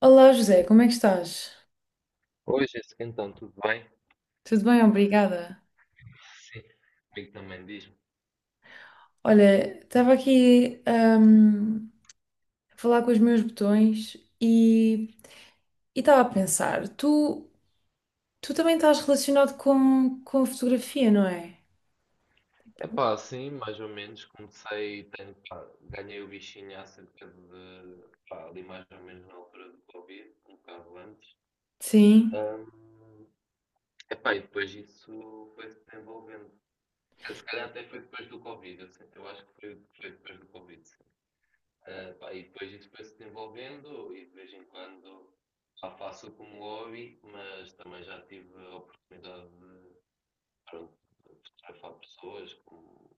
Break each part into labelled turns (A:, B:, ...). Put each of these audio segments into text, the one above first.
A: Olá José, como é que estás?
B: Oi, Jéssica, então, tudo bem?
A: Tudo bem, obrigada.
B: Sim, comigo também, diz-me.
A: Olha, estava aqui a falar com os meus botões e estava a pensar, tu também estás relacionado com a fotografia, não é?
B: Epá, sim, mais ou menos, comecei, tenho, pá, ganhei o bichinho há cerca de, pá, ali mais ou menos na altura do Covid, um bocado antes.
A: Sim.
B: Ahm, epá, e depois isso foi se desenvolvendo. Se calhar até foi depois do Covid, eu, sei- eu acho que foi, foi depois do Covid, sim. Ah, pá, e depois isso foi se desenvolvendo e de vez em quando já faço como hobby, mas também já tive a oportunidade, pronto, fotografar pessoas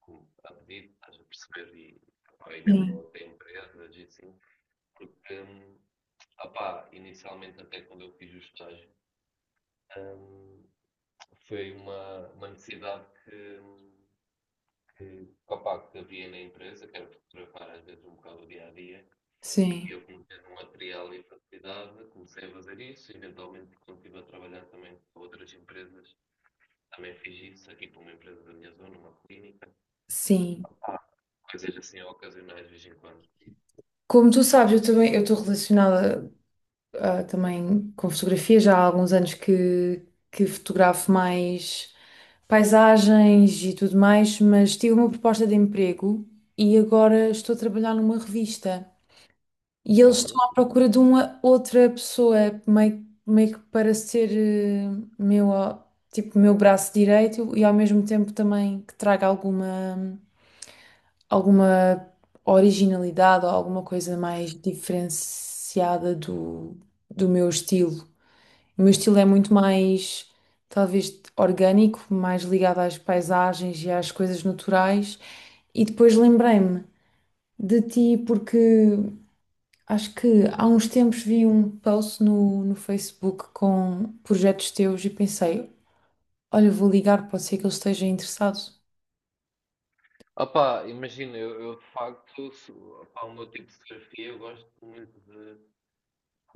B: com a pedido, estás a perceber, e, epá, e mesmo
A: Sim,
B: até empresas e assim, porque, opá, inicialmente até quando eu fiz o estágio, hum, foi uma necessidade que, opá, que havia na empresa, que era fotografar às vezes um bocado o dia a dia,
A: sim,
B: e eu comecei um material e facilidade, comecei a fazer isso, eventualmente quando estive a trabalhar também para outras empresas, também fiz isso aqui para uma empresa da minha zona, uma clínica.
A: sim.
B: Há coisas assim ocasionais de vez em quando.
A: Como tu sabes, eu também eu estou relacionada também com fotografia, já há alguns anos que fotografo mais paisagens e tudo mais, mas tive uma proposta de emprego e agora estou a trabalhar numa revista. E eles
B: Olha.
A: estão à procura de uma outra pessoa, meio que para ser meu, ó, tipo, meu braço direito e ao mesmo tempo também que traga alguma originalidade ou alguma coisa mais diferenciada do meu estilo. O meu estilo é muito mais, talvez, orgânico, mais ligado às paisagens e às coisas naturais. E depois lembrei-me de ti porque acho que há uns tempos vi um post no Facebook com projetos teus e pensei, olha, vou ligar, pode ser que ele esteja interessado.
B: Opá, imagina, eu de facto, se- opá, o meu tipo de fotografia, eu gosto muito de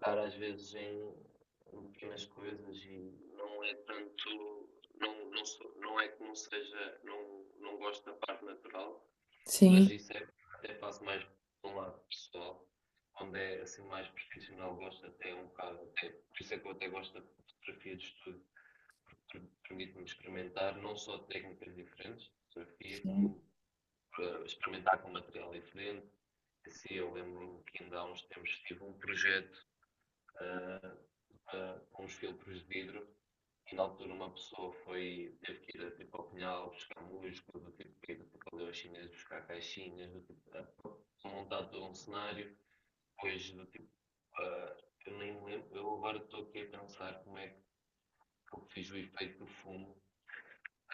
B: dar às vezes em, em pequenas coisas e não é tanto, não, não, sou- não é que não seja, não, não gosto da parte natural, mas
A: Sim.
B: isso é, até faço mais de um lado pessoal, quando é assim mais profissional gosto até um bocado, até, por isso é que eu até gosto da fotografia de estúdio, permite-nos experimentar não só técnicas diferentes de fotografia, como experimentar com material diferente. Assim, eu lembro-me que ainda há uns tempos tive um projeto, eh, para- com uns filtros de vidro e na altura uma pessoa foi, teve que ir tipo, ao Pinhal buscar músculos, do tipo que ir para ali aos chineses buscar caixinhas, do tipo, montar todo um cenário, depois do tipo, eh, eu nem me lembro, eu agora estou aqui a pensar como é que eu fiz o efeito do fumo.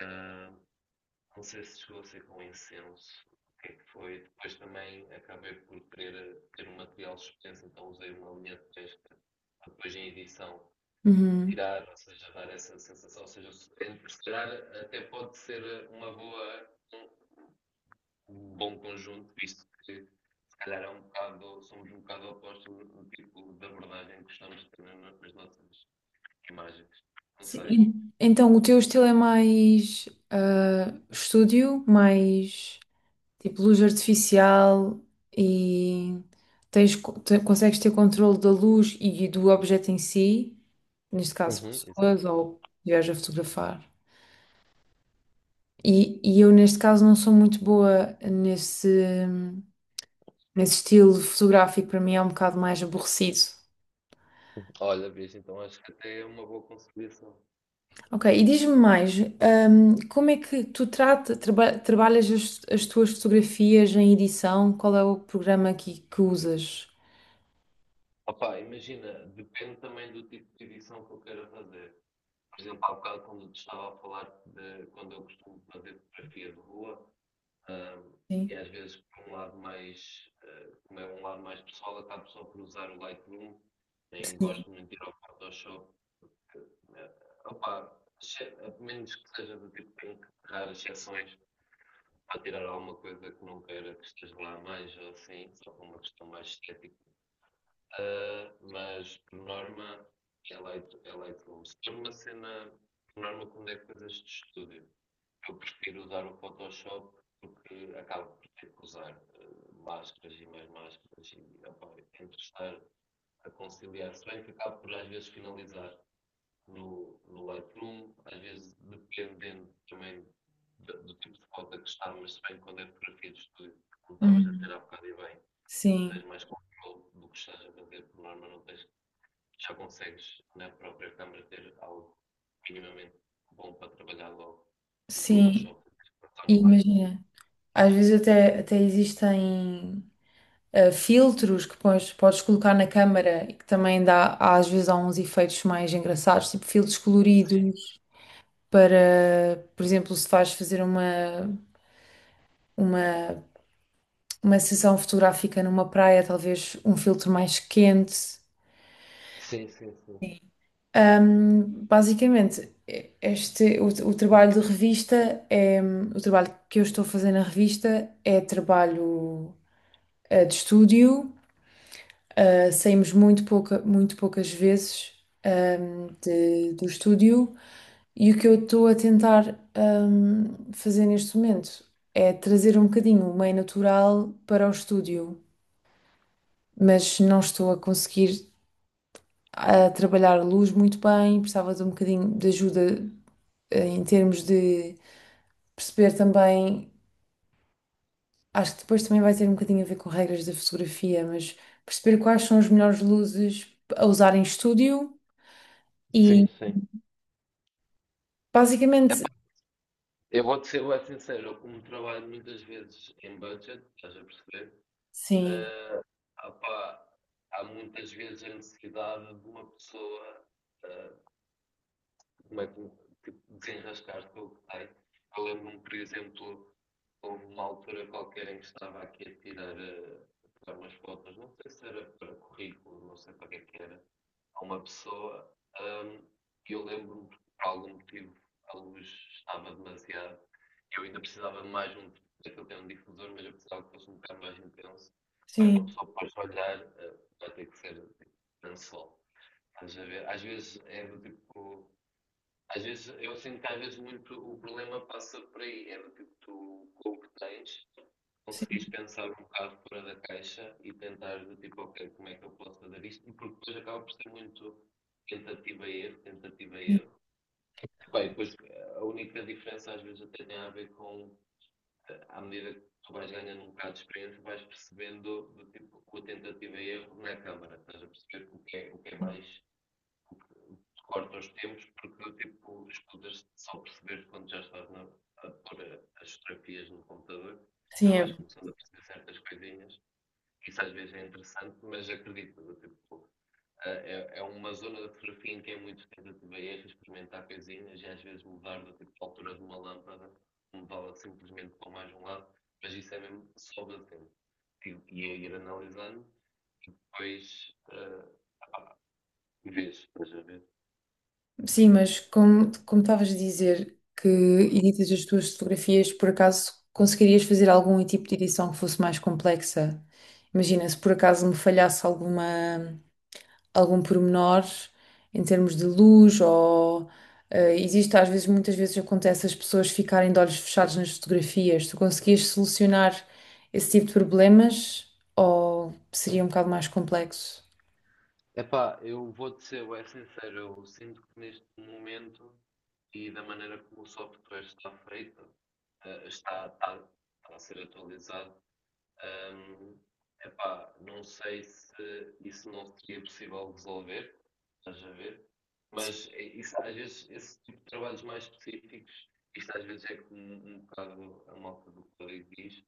B: ah, Não sei se chegou a ser com incenso, o que é que foi. Depois também acabei por querer ter um material suspenso, então usei uma linha de pesca para depois em edição
A: Uhum.
B: tirar, ou seja, dar essa sensação. Ou seja, se calhar até pode ser uma boa, um um bom conjunto, visto que se calhar é um bocado, somos um bocado opostos no tipo de abordagem que estamos tendo nas nossas imagens. Não sei.
A: Sim. Então, o teu estilo é mais estúdio, mais, tipo luz artificial e consegues ter controle da luz e do objeto em si, neste caso
B: Uhum, exato.
A: pessoas ou viajas a fotografar. E eu neste caso não sou muito boa nesse estilo fotográfico, para mim é um bocado mais aborrecido.
B: Olha, bicho, então acho que até é uma boa conciliação.
A: Ok, e diz-me mais, como é que trabalhas as tuas fotografias em edição? Qual é o programa que usas?
B: Opa, imagina, depende também do tipo de edição que eu queira fazer. Por exemplo, há bocado quando te estava a falar de quando eu costumo fazer fotografia de rua, ahm,
A: Sim.
B: e às vezes por um lado mais, ah, como é um lado mais pessoal, acabo só por usar o Lightroom, nem
A: Sim.
B: gosto muito de ir ao Photoshop. Eh, Opa, exce- a menos que seja do tipo que tenho que tirar as exceções para tirar alguma coisa que não queira que esteja lá mais ou assim, só por uma questão mais estética. Ah, mas, por norma, é leito como. Se for uma cena, por norma, quando é coisas de estúdio, eu prefiro usar o Photoshop porque acabo por ter que usar ah, máscaras e mais máscaras e opa, eu tento estar a conciliar. Se bem que acabo por, às vezes, finalizar no, no Lightroom, às vezes dependendo também da- do, tipo de foto que está, mas se bem que quando é fotografia de estúdio, como estavas a
A: Uhum.
B: ter há bocado e bem,
A: Sim.
B: tens mais controle do que estás a fazer, por norma, não tens, já consegues na própria câmara ter algo minimamente bom para trabalhar logo no
A: Sim,
B: Photoshop, e passar
A: e
B: no Lightroom.
A: imagina. Às vezes até existem filtros que podes colocar na câmara e que também dá, há- às vezes há uns efeitos mais engraçados, tipo filtros coloridos para, por exemplo, se vais fazer uma, uma sessão fotográfica numa praia, talvez um filtro mais quente.
B: Sim, sim, sim.
A: Sim. Basicamente, o trabalho de revista é, o trabalho que eu estou a fazer na revista é trabalho de estúdio. Saímos muito poucas vezes do estúdio e o que eu estou a tentar fazer neste momento é trazer um bocadinho o meio natural para o estúdio, mas não estou a conseguir a trabalhar a luz muito bem, precisava de um bocadinho de ajuda em termos de perceber também, acho que depois também vai ter um bocadinho a ver com regras da fotografia, mas perceber quais são as melhores luzes a usar em estúdio.
B: Sim,
A: E
B: sim.
A: basicamente,
B: Epá, eu vou-te ser bué sincero, eu como trabalho muitas vezes em budget, estás a perceber?
A: sim,
B: Eh, opá, há muitas vezes a necessidade de uma pessoa, ah, como é que desenrascaste com o que tem. Eu lembro-me, por exemplo, houve uma altura qualquer em que estava aqui a tirar, eh, a tirar umas fotos, não sei se era para currículo, não sei para que é que era, a uma pessoa, ahm, e eu lembro-me que por algum motivo a luz estava demasiado, eu ainda precisava de mais um, eu tenho um difusor, mas eu precisava que fosse um bocado mais intenso, para uma
A: sim,
B: pessoa depois olhar, vai ter que ser tipo, lençol. Estás a... Às vezes é do tipo, às vezes, eu sinto que às vezes muito o problema passa por aí, é do tipo, tu, com o que tens,
A: sim,
B: conseguires pensar um bocado fora da caixa e tentar do tipo, ok, como é que eu posso fazer isto? Porque depois acaba por ser muito tentativa e erro, tentativa e
A: sim,
B: erro. Bem, depois a única diferença às vezes até tem a ver com, à medida que tu vais ganhando um bocado de experiência, vais percebendo do tipo, que a tentativa e erro não é câmara, estás a perceber o que é
A: sim,
B: mais, o corta os tempos, porque tipo, escutas só perceber quando já estás na, a pôr as fotografias no computador,
A: sim,
B: já vais
A: é-
B: começando a perceber certas coisinhas. Isso às vezes é interessante, mas acredito, tipo, é, é uma zona da fotografia em que é muito tentativa e erro, experimentar coisinhas e às vezes mudar do tipo de altura de uma lâmpada, mudá-la simplesmente para mais um lado, mas isso é mesmo só batendo. E é ir analisando e depois pá, vês, estás a ver?
A: sim, mas como, como estavas a dizer que editas as tuas fotografias, por acaso conseguirias fazer algum tipo de edição que fosse mais complexa? Imagina, se por acaso me falhasse alguma, algum pormenor em termos de luz ou existe às vezes, muitas vezes acontece as pessoas ficarem de olhos fechados nas fotografias. Tu conseguias solucionar esse tipo de problemas ou seria um bocado mais complexo?
B: Epá, eu vou-te ser bem sincero, eu sinto que neste momento e da maneira como o software está feito, está, está, está a ser atualizado, hum, epá, não sei se isso não seria possível resolver, estás a ver? Mas eh, isso, às vezes, esse tipo de trabalhos mais específicos, isto às vezes é como um bocado a malta do código diz,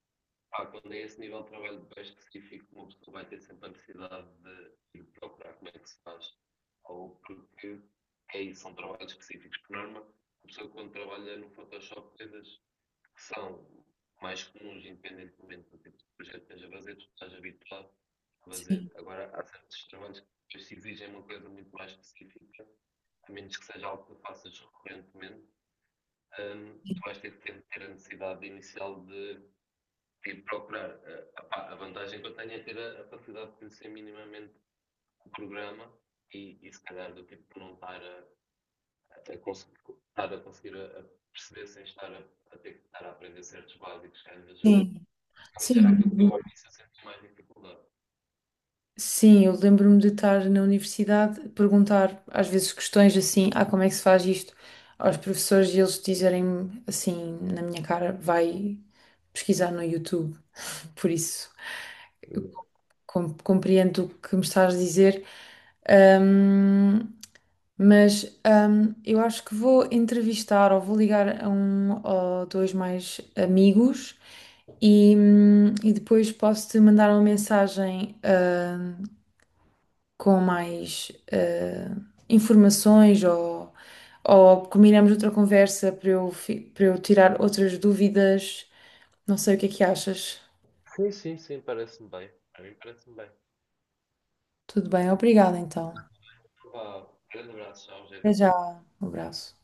B: pá, quando é esse nível de trabalho bem específico, uma pessoa vai ter sempre a necessidade de ir procurar como é que se faz. Ou porque é isso, são trabalhos específicos. Por norma, a pessoa quando trabalha no Photoshop, coisas que são mais comuns, independentemente do tipo de projeto que esteja a fazer, tu estás habituado a
A: Sim,
B: fazer. Agora, há certos trabalhos que se exigem uma coisa muito mais específica, a menos que seja algo que faças recorrentemente, tu vais ter que ter a necessidade inicial de e procurar. Opá, a vantagem que eu tenho é ter a capacidade de conhecer minimamente o programa e se calhar do tipo de não estar a, conseguir, estar a conseguir a perceber sem estar a ter que estar a aprender certos básicos que às vezes eu.
A: sim,
B: Mas
A: sim.
B: era aquilo que eu ao início senti mais dificuldade.
A: Sim, eu lembro-me de estar na universidade, perguntar às vezes questões assim, ah, como é que se faz isto? Aos professores e eles dizerem assim, na minha cara, vai pesquisar no YouTube. Por isso, com- compreendo o que me estás a dizer, ahm, mas eu acho que vou entrevistar ou vou ligar a um ou dois mais amigos e e depois posso-te mandar uma mensagem com mais informações ou combinamos outra conversa para para eu tirar outras dúvidas. Não sei o que é que achas.
B: Sim, sim, sim, parece-me bem. A mim parece-me bem.
A: Tudo bem, obrigada então.
B: Pá, grande abraço, tchau,
A: Até
B: gente.
A: já, um abraço.